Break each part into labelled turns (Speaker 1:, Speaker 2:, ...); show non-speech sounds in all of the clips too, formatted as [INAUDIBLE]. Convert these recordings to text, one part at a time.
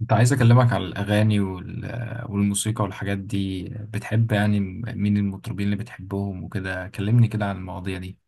Speaker 1: كنت عايز أكلمك على الأغاني والموسيقى والحاجات دي، بتحب يعني مين المطربين اللي بتحبهم وكده؟ كلمني كده عن المواضيع دي.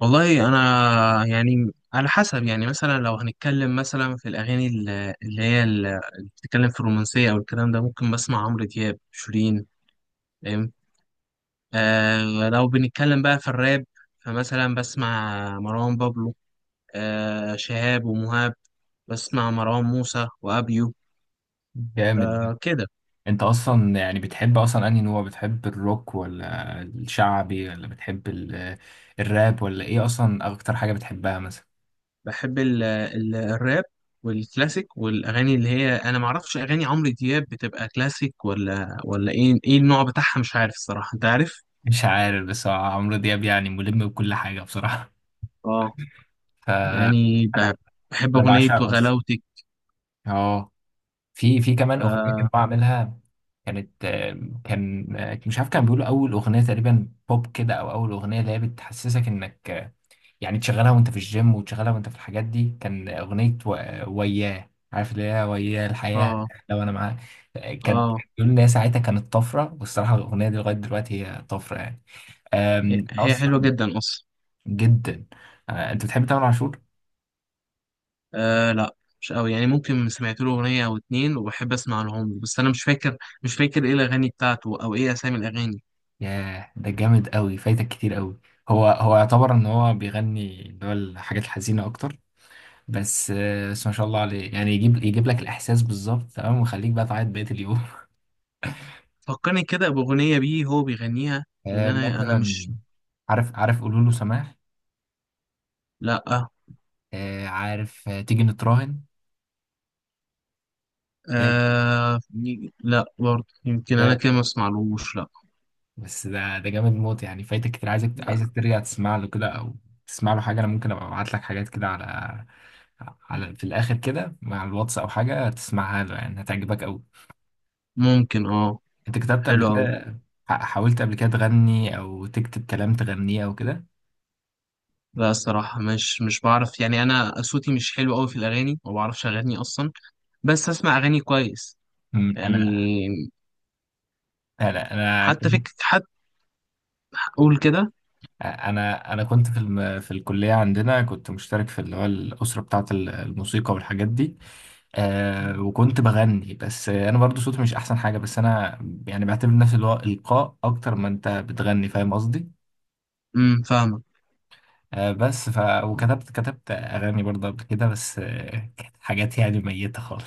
Speaker 2: والله انا يعني على حسب. يعني مثلا لو هنتكلم مثلا في الاغاني اللي بتتكلم في الرومانسيه او الكلام ده، ممكن بسمع عمرو دياب، شيرين. فاهم؟ آه لو بنتكلم بقى في الراب، فمثلا بسمع مروان بابلو، آه شهاب ومهاب، بسمع مروان موسى وابيو.
Speaker 1: جامد.
Speaker 2: آه كده.
Speaker 1: أنت أصلا يعني بتحب أصلا أنهي نوع؟ بتحب الروك ولا الشعبي ولا بتحب الراب ولا إيه؟ أصلا أكتر حاجة بتحبها مثلا؟
Speaker 2: بحب ال ال الراب والكلاسيك والاغاني اللي هي، انا ما اعرفش اغاني عمرو دياب بتبقى كلاسيك ولا ايه النوع بتاعها، مش عارف الصراحه، انت عارف.
Speaker 1: مش عارف، بس هو عمرو دياب يعني ملم بكل حاجة بصراحة.
Speaker 2: اه
Speaker 1: [LAUGHS] فأنا
Speaker 2: يعني بحب
Speaker 1: أنا
Speaker 2: أغنية
Speaker 1: بعشقه أصلا.
Speaker 2: وغلاوتك.
Speaker 1: أه. في كمان أغنية
Speaker 2: اه.
Speaker 1: كنت بعملها. كانت آه، كان آه، مش عارف، كان بيقولوا اول اغنيه تقريبا بوب كده، او اول اغنيه اللي هي بتحسسك انك يعني تشغلها وانت في الجيم، وتشغلها وانت في الحاجات دي. كان اغنيه وياه، عارف اللي هي وياه الحياه،
Speaker 2: اه.
Speaker 1: لو انا معاك. كانت،
Speaker 2: آه.
Speaker 1: بيقول ان هي ساعتها كانت طفره، والصراحه الاغنيه دي لغايه دلوقتي هي طفره يعني. انا
Speaker 2: هي حلوة
Speaker 1: اصلا.
Speaker 2: جدا أصلا.
Speaker 1: جدا. انت بتحب تامر عاشور؟
Speaker 2: آه لا مش قوي، يعني ممكن سمعت له أغنية أو اتنين وبحب أسمع لهم، بس أنا مش فاكر. مش فاكر إيه الأغاني بتاعته أو إيه أسامي الأغاني.
Speaker 1: ياه ده جامد قوي، فايتك كتير قوي. هو يعتبر ان هو بيغني اللي هو الحاجات الحزينه اكتر، بس ما شاء الله عليه يعني، يجيب لك الاحساس بالظبط تمام، ويخليك بقى تعيط بقيه اليوم. [LAUGHS]
Speaker 2: فكرني كده بأغنية بيه هو بيغنيها، لأن أنا
Speaker 1: مثلا.
Speaker 2: مش.
Speaker 1: عارف قولوا له سماح.
Speaker 2: لا.
Speaker 1: عارف، تيجي نتراهن. ده-
Speaker 2: آه لا برضه، يمكن أنا
Speaker 1: ده-
Speaker 2: كده ما أسمعلوش، لا.
Speaker 1: بس ده جامد موت يعني، فايتك كتير، عايزك
Speaker 2: لا.
Speaker 1: عايزك ترجع تسمع له كده، او تسمع له حاجه. انا ممكن ابقى ابعت لك حاجات كده على في الاخر كده مع الواتس او حاجه، تسمعها له يعني هتعجبك قوي.
Speaker 2: ممكن اه.
Speaker 1: انت كتبت قبل
Speaker 2: حلو أوي.
Speaker 1: كده؟ حاولت قبل كده تغني او تكتب كلام تغنيه او كده؟
Speaker 2: لا الصراحة مش بعرف، يعني أنا صوتي مش حلو أوي في الأغاني، ما بعرفش أغني أصلا. بس أسمع أغاني كويس
Speaker 1: أمم،
Speaker 2: يعني.
Speaker 1: انا انا انا
Speaker 2: حتى فكرة، حتى أقول كده.
Speaker 1: انا انا كنت في الكليه عندنا، كنت مشترك في اللي هو الاسره بتاعه الموسيقى والحاجات دي. آه، وكنت بغني، بس انا برضو صوتي مش احسن حاجه، بس انا يعني بعتبر نفسي اللي هو القاء اكتر ما انت بتغني، فاهم قصدي؟
Speaker 2: فاهمة.
Speaker 1: بس وكتبت اغاني برضه قبل كده، بس كانت حاجات يعني ميته خالص.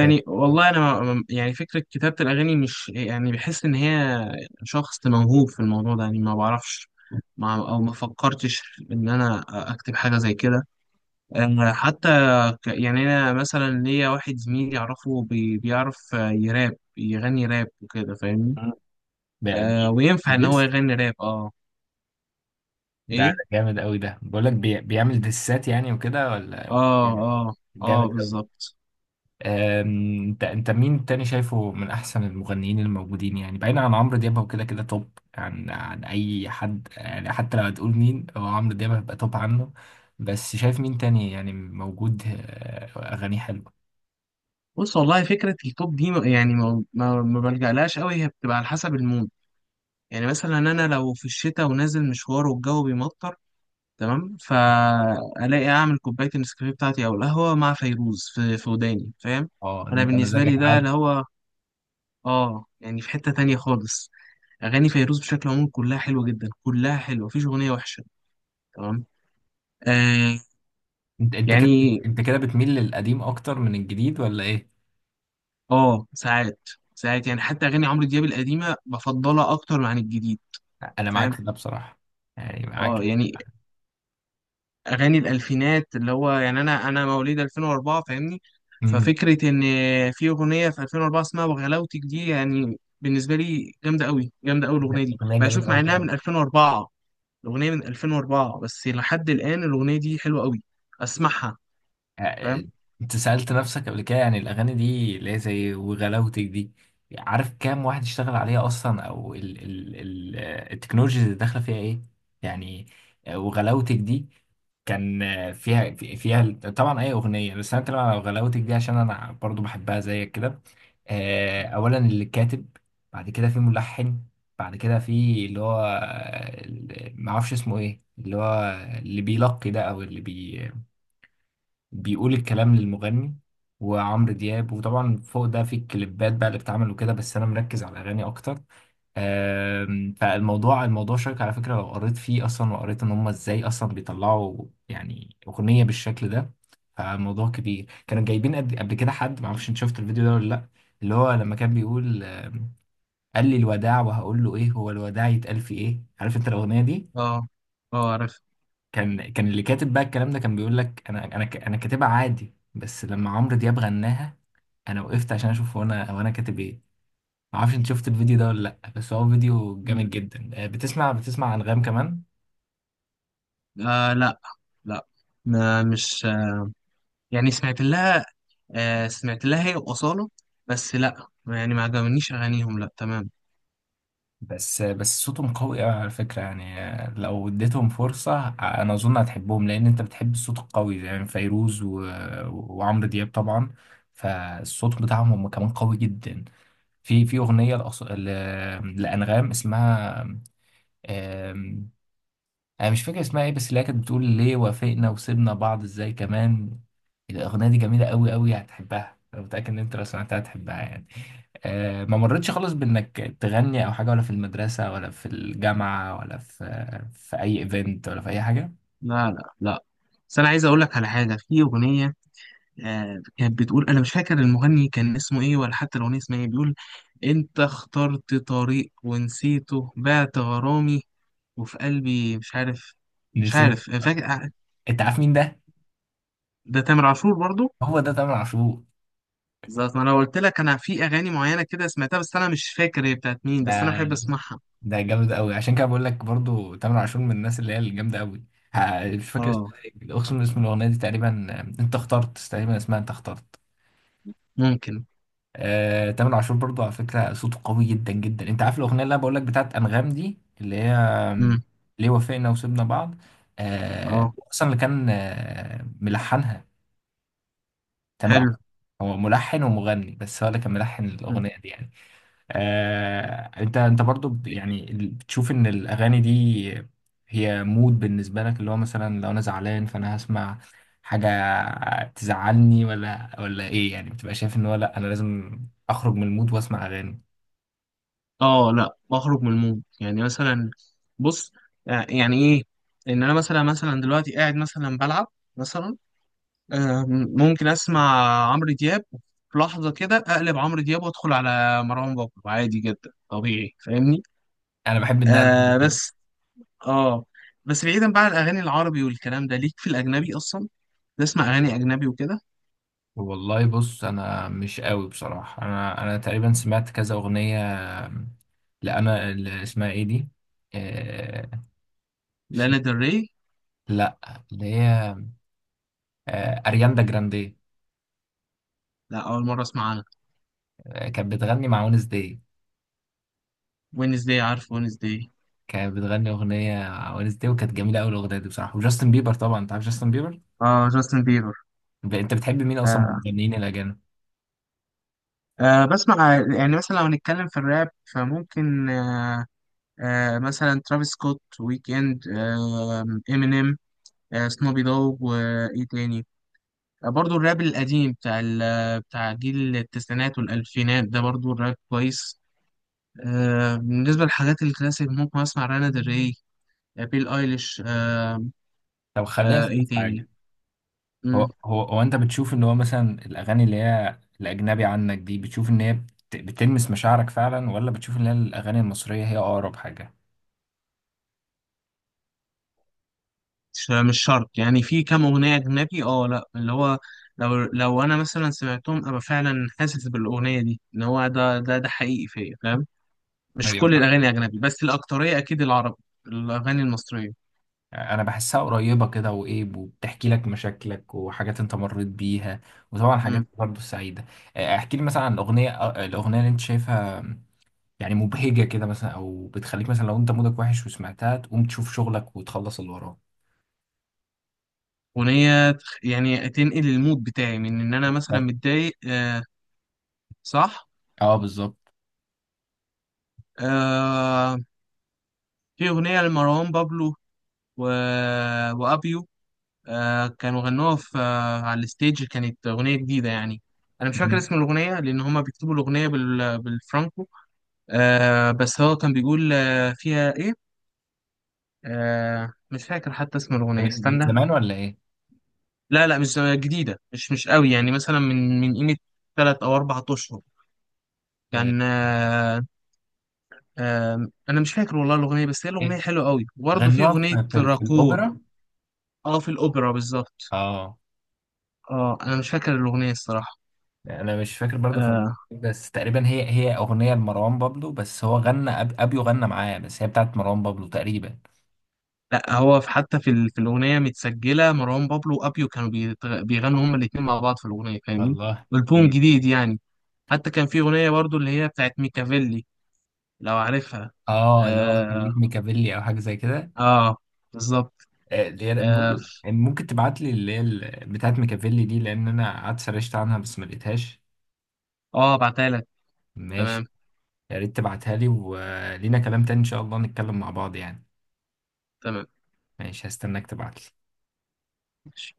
Speaker 1: آه،
Speaker 2: والله أنا يعني فكرة كتابة الأغاني، مش يعني بحس إن هي شخص موهوب في الموضوع ده، يعني ما بعرفش. ما أو ما فكرتش إن أنا أكتب حاجة زي كده. أنا حتى يعني أنا مثلا ليا واحد زميلي أعرفه بيعرف يراب، يغني راب وكده، فاهمني؟
Speaker 1: [LAUGHS] بقى
Speaker 2: آه وينفع ان هو
Speaker 1: ديس.
Speaker 2: يغني راب، اه.
Speaker 1: ده
Speaker 2: ايه.
Speaker 1: ده جامد قوي، ده بقول لك بيعمل ديسات يعني وكده ولا؟
Speaker 2: اه اه. اه
Speaker 1: جامد قوي.
Speaker 2: بالظبط.
Speaker 1: آم، انت انت مين تاني شايفه من احسن المغنيين الموجودين، يعني بعيدا عن عمرو دياب هو كده كده توب عن اي حد يعني، حتى لو هتقول مين؟ هو عمرو دياب هيبقى توب عنه، بس شايف مين تاني يعني موجود اغانيه حلوه؟
Speaker 2: بص، والله فكرة التوب دي يعني ما بلجألهاش قوي، هي بتبقى على حسب المود. يعني مثلا انا لو في الشتاء ونازل مشوار والجو بيمطر، تمام، فالاقي اعمل كوباية النسكافيه بتاعتي او القهوة، مع فيروز في في وداني، فاهم؟
Speaker 1: اه، ده
Speaker 2: انا
Speaker 1: انت
Speaker 2: بالنسبة
Speaker 1: مزاجك
Speaker 2: لي ده
Speaker 1: عالي.
Speaker 2: اللي هو، اه يعني في حتة تانية خالص. اغاني فيروز بشكل عام كلها حلوة جدا، كلها حلوة، مفيش اغنية وحشة. تمام. آه. يعني
Speaker 1: انت كده بتميل للقديم اكتر من الجديد ولا ايه؟
Speaker 2: اه ساعات، ساعات يعني حتى اغاني عمرو دياب القديمه بفضلها اكتر عن الجديد،
Speaker 1: انا معاك
Speaker 2: فاهم؟
Speaker 1: في ده بصراحه، يعني معاك.
Speaker 2: اه يعني اغاني الالفينات، اللي هو يعني انا مواليد 2004، فاهمني؟
Speaker 1: امم.
Speaker 2: ففكره ان في اغنيه في 2004 اسمها وغلاوتك دي، يعني بالنسبه لي جامده قوي، جامده قوي الاغنيه دي
Speaker 1: اغنيه جميله
Speaker 2: بشوف، مع
Speaker 1: قوي.
Speaker 2: انها من 2004. الاغنيه من 2004، بس لحد الان الاغنيه دي حلوه قوي، اسمعها.
Speaker 1: آه،
Speaker 2: فاهم؟
Speaker 1: انت سألت نفسك قبل كده يعني الأغاني دي اللي هي زي وغلاوتك دي، عارف كام واحد اشتغل عليها أصلا؟ أو ال ال ال آه، التكنولوجيا اللي داخلة فيها إيه يعني؟ وغلاوتك دي كان فيها طبعا أي أغنية، بس أنا بتكلم على وغلاوتك دي عشان أنا برضو بحبها زيك كده. أولا اللي كاتب، بعد كده في ملحن، بعد كده في اللي هو، معرفش اسمه إيه اللي هو، اللي بيلقي ده، أو اللي بيقول الكلام للمغني، وعمرو دياب، وطبعا فوق ده في الكليبات بقى اللي بتتعمل وكده، بس انا مركز على الاغاني اكتر. فالموضوع شيق على فكره، لو قريت فيه اصلا، وقريت ان هم ازاي اصلا بيطلعوا يعني اغنيه بالشكل ده، فالموضوع كبير. كانوا جايبين قبل كده حد، معرفش انت شفت الفيديو ده ولا لا، اللي هو لما كان بيقول قال لي الوداع، وهقول له ايه؟ هو الوداع يتقال في ايه؟ عارف انت الاغنيه دي؟
Speaker 2: اه. اه عارف.
Speaker 1: كان اللي كاتب بقى الكلام ده كان بيقول لك انا انا كاتبها عادي، بس لما عمرو دياب غناها، انا وقفت عشان اشوف هو انا، هو انا كاتب ايه. ما اعرفش انت شفت الفيديو ده ولا لا، بس هو فيديو جامد جدا. بتسمع انغام كمان؟
Speaker 2: آه لا. لا. ما مش يعني سمعت لها. آه سمعت لها هي وأصالة، بس لا يعني ما عجبنيش أغانيهم، لا. تمام.
Speaker 1: بس صوتهم قوي قوي على فكره يعني، لو اديتهم فرصه، انا اظن هتحبهم، لان انت بتحب الصوت القوي زي يعني فيروز وعمرو دياب طبعا، فالصوت بتاعهم هم كمان قوي جدا. في اغنيه لانغام، اسمها، انا مش فاكر اسمها ايه، بس اللي هي كانت بتقول ليه وافقنا وسيبنا بعض ازاي كمان. الاغنيه دي جميله قوي قوي، هتحبها، انا متاكد ان انت لو سمعتها هتحبها يعني. أه، ما مرتش خالص بانك تغني او حاجه، ولا في المدرسه، ولا في الجامعه، ولا في اي ايفنت، ولا في اي حاجه؟
Speaker 2: لا لا لا، بس أنا عايز أقول لك على حاجة، في أغنية آه كانت بتقول، أنا مش فاكر المغني كان اسمه إيه ولا حتى الأغنية اسمها إيه، بيقول: أنت اخترت طريق ونسيته، بعت غرامي وفي قلبي، مش عارف، مش
Speaker 1: نسيت.
Speaker 2: عارف، أنا فاكر. آه،
Speaker 1: انت عارف مين ده؟
Speaker 2: ده تامر عاشور برضو.
Speaker 1: هو ده تامر عاشور.
Speaker 2: بالظبط، ما انا قلت لك انا في اغاني معينه كده سمعتها، بس انا مش فاكر هي بتاعت مين، بس انا بحب
Speaker 1: ده
Speaker 2: اسمعها.
Speaker 1: ده جامد قوي، عشان كده بقول لك برضو تامر عاشور من الناس اللي هي الجامده قوي. مش فاكر
Speaker 2: اه.
Speaker 1: اسمها ايه، اقسم، اسم الاغنيه دي تقريبا انت اخترت، تقريبا اسمها انت اخترت.
Speaker 2: ممكن.
Speaker 1: تامر عاشور برضو على فكرة صوته قوي جدا جدا. انت عارف الأغنية اللي انا بقول لك بتاعت أنغام دي اللي هي
Speaker 2: امم.
Speaker 1: ليه وافقنا وسيبنا بعض؟
Speaker 2: اه.
Speaker 1: هو اصلا اللي كان ملحنها تامر
Speaker 2: حلو.
Speaker 1: عاشور. هو ملحن ومغني، بس هو اللي كان ملحن الأغنية دي يعني. انت برضو بتشوف ان الاغاني دي هي مود بالنسبه لك، اللي هو مثلا لو انا زعلان، فانا هسمع حاجه تزعلني ولا ايه؟ يعني بتبقى شايف ان هو، لا، انا لازم اخرج من المود واسمع اغاني؟
Speaker 2: اه لا بخرج من المود. يعني مثلا بص، آه، يعني ايه ان انا مثلا، مثلا دلوقتي قاعد مثلا بلعب، مثلا آه، ممكن اسمع عمرو دياب، في لحظة كده اقلب عمرو دياب وادخل على مروان بابلو عادي جدا، طبيعي، فاهمني؟
Speaker 1: انا بحب ان
Speaker 2: آه.
Speaker 1: أقلب.
Speaker 2: بس اه. بس بعيدا بقى عن الاغاني العربي والكلام ده، ليك في الاجنبي اصلا؟ تسمع اغاني اجنبي وكده؟
Speaker 1: والله بص، انا مش قوي بصراحه، انا انا تقريبا سمعت كذا اغنيه، لا، انا اللي اسمها ايه دي، آه،
Speaker 2: لانا ديل ري.
Speaker 1: لا، اللي هي ارياندا جراندي.
Speaker 2: لا اول مرة اسمع عنها.
Speaker 1: كانت بتغني مع ونس داي.
Speaker 2: وينزداي؟ عارف وينزداي.
Speaker 1: كانت بتغني اغنيه مع ونس داي، وكانت جميله قوي الاغنيه دي بصراحه، وجاستن بيبر. طبعا انت عارف جاستن بيبر.
Speaker 2: اه جاستن بيبر.
Speaker 1: انت بتحب مين اصلا من المغنيين الاجانب؟
Speaker 2: أه بسمع يعني مثلا لو هنتكلم في الراب فممكن أه، أه مثلا ترافيس سكوت، ويك اند، أه امينيم، أه سنوبي دوغ، وايه تاني، أه برضو الراب القديم بتاع بتاع جيل التسعينات والالفينات ده، برضو الراب كويس. أه بالنسبة للحاجات الكلاسيك ممكن اسمع رانا دري، آه، بيل ايليش، أه.
Speaker 1: طب خلينا
Speaker 2: أه
Speaker 1: نسالك
Speaker 2: ايه
Speaker 1: في
Speaker 2: تاني.
Speaker 1: حاجه، هو هو هو انت بتشوف ان هو مثلا الاغاني اللي هي الاجنبي عنك دي، بتشوف ان هي بتلمس مشاعرك فعلا، ولا بتشوف ان هي الاغاني المصريه هي اقرب حاجه؟
Speaker 2: مش شرط، يعني في كام أغنية أجنبي اه، لأ اللي هو لو لو أنا مثلا سمعتهم، أبقى فعلا حاسس بالأغنية دي إن هو ده حقيقي فيا، فاهم؟ مش
Speaker 1: ايوه.
Speaker 2: كل الأغاني أجنبي، بس الأكترية أكيد العربي، الأغاني المصرية.
Speaker 1: انا بحسها قريبه كده، وايه، وبتحكي لك مشاكلك وحاجات انت مريت بيها، وطبعا حاجات
Speaker 2: امم.
Speaker 1: برضه سعيده. احكي لي مثلا عن الاغنيه، الاغنيه اللي انت شايفها يعني مبهجه كده مثلا، او بتخليك مثلا لو انت مودك وحش وسمعتها تقوم تشوف شغلك وتخلص اللي وراك.
Speaker 2: أغنية يعني تنقل المود بتاعي من إن أنا مثلا
Speaker 1: بالظبط.
Speaker 2: متضايق، آه صح.
Speaker 1: اه بالظبط.
Speaker 2: آه في أغنية لمروان بابلو و... وأبيو، آه كانوا غنوها في آه على الستيج، كانت أغنية جديدة يعني. أنا مش فاكر
Speaker 1: من
Speaker 2: اسم الأغنية لأن هما بيكتبوا الأغنية بالفرانكو. آه بس هو كان بيقول آه فيها إيه، آه مش فاكر حتى اسم الأغنية،
Speaker 1: من
Speaker 2: استنى.
Speaker 1: زمان ولا ايه؟
Speaker 2: لا لا مش جديدة، مش مش قوي يعني، مثلا من من قيمة تلات أو أربع أشهر
Speaker 1: آه،
Speaker 2: كان آه. آه أنا مش فاكر والله الأغنية، بس هي الأغنية
Speaker 1: إيه؟
Speaker 2: حلوة قوي. وبرضه في
Speaker 1: غنوها
Speaker 2: أغنية
Speaker 1: في
Speaker 2: راكور،
Speaker 1: الاوبرا؟
Speaker 2: أه في الأوبرا بالظبط.
Speaker 1: اه،
Speaker 2: أه أنا مش فاكر الأغنية الصراحة.
Speaker 1: انا مش فاكر برضه كان،
Speaker 2: آه،
Speaker 1: بس تقريبا هي هي اغنيه لمروان بابلو، بس هو غنى، ابيو غنى معاه، بس هي بتاعت مروان بابلو تقريبا.
Speaker 2: لا هو في، حتى في الاغنيه متسجله مروان بابلو وابيو، كانوا بيغنوا هما الاثنين مع بعض في الاغنيه، فاهمني؟
Speaker 1: الله.
Speaker 2: البوم
Speaker 1: مم.
Speaker 2: جديد يعني. حتى كان في اغنيه برضو اللي هي بتاعت ميكافيلي، لو عارفها.
Speaker 1: اه، اللي هو
Speaker 2: اه،
Speaker 1: خليك ميكافيلي او حاجه زي كده؟
Speaker 2: آه بالظبط.
Speaker 1: اللي هي
Speaker 2: اه،
Speaker 1: بقول ممكن تبعت لي اللي هي بتاعت ميكافيلي دي، لان انا قعدت سرشت عنها بس ما لقيتهاش.
Speaker 2: آه بعتها لك.
Speaker 1: ماشي.
Speaker 2: تمام.
Speaker 1: يا ريت تبعتها لي، ولينا كلام تاني ان شاء الله نتكلم مع بعض يعني.
Speaker 2: تمام.
Speaker 1: ماشي، هستناك تبعت لي.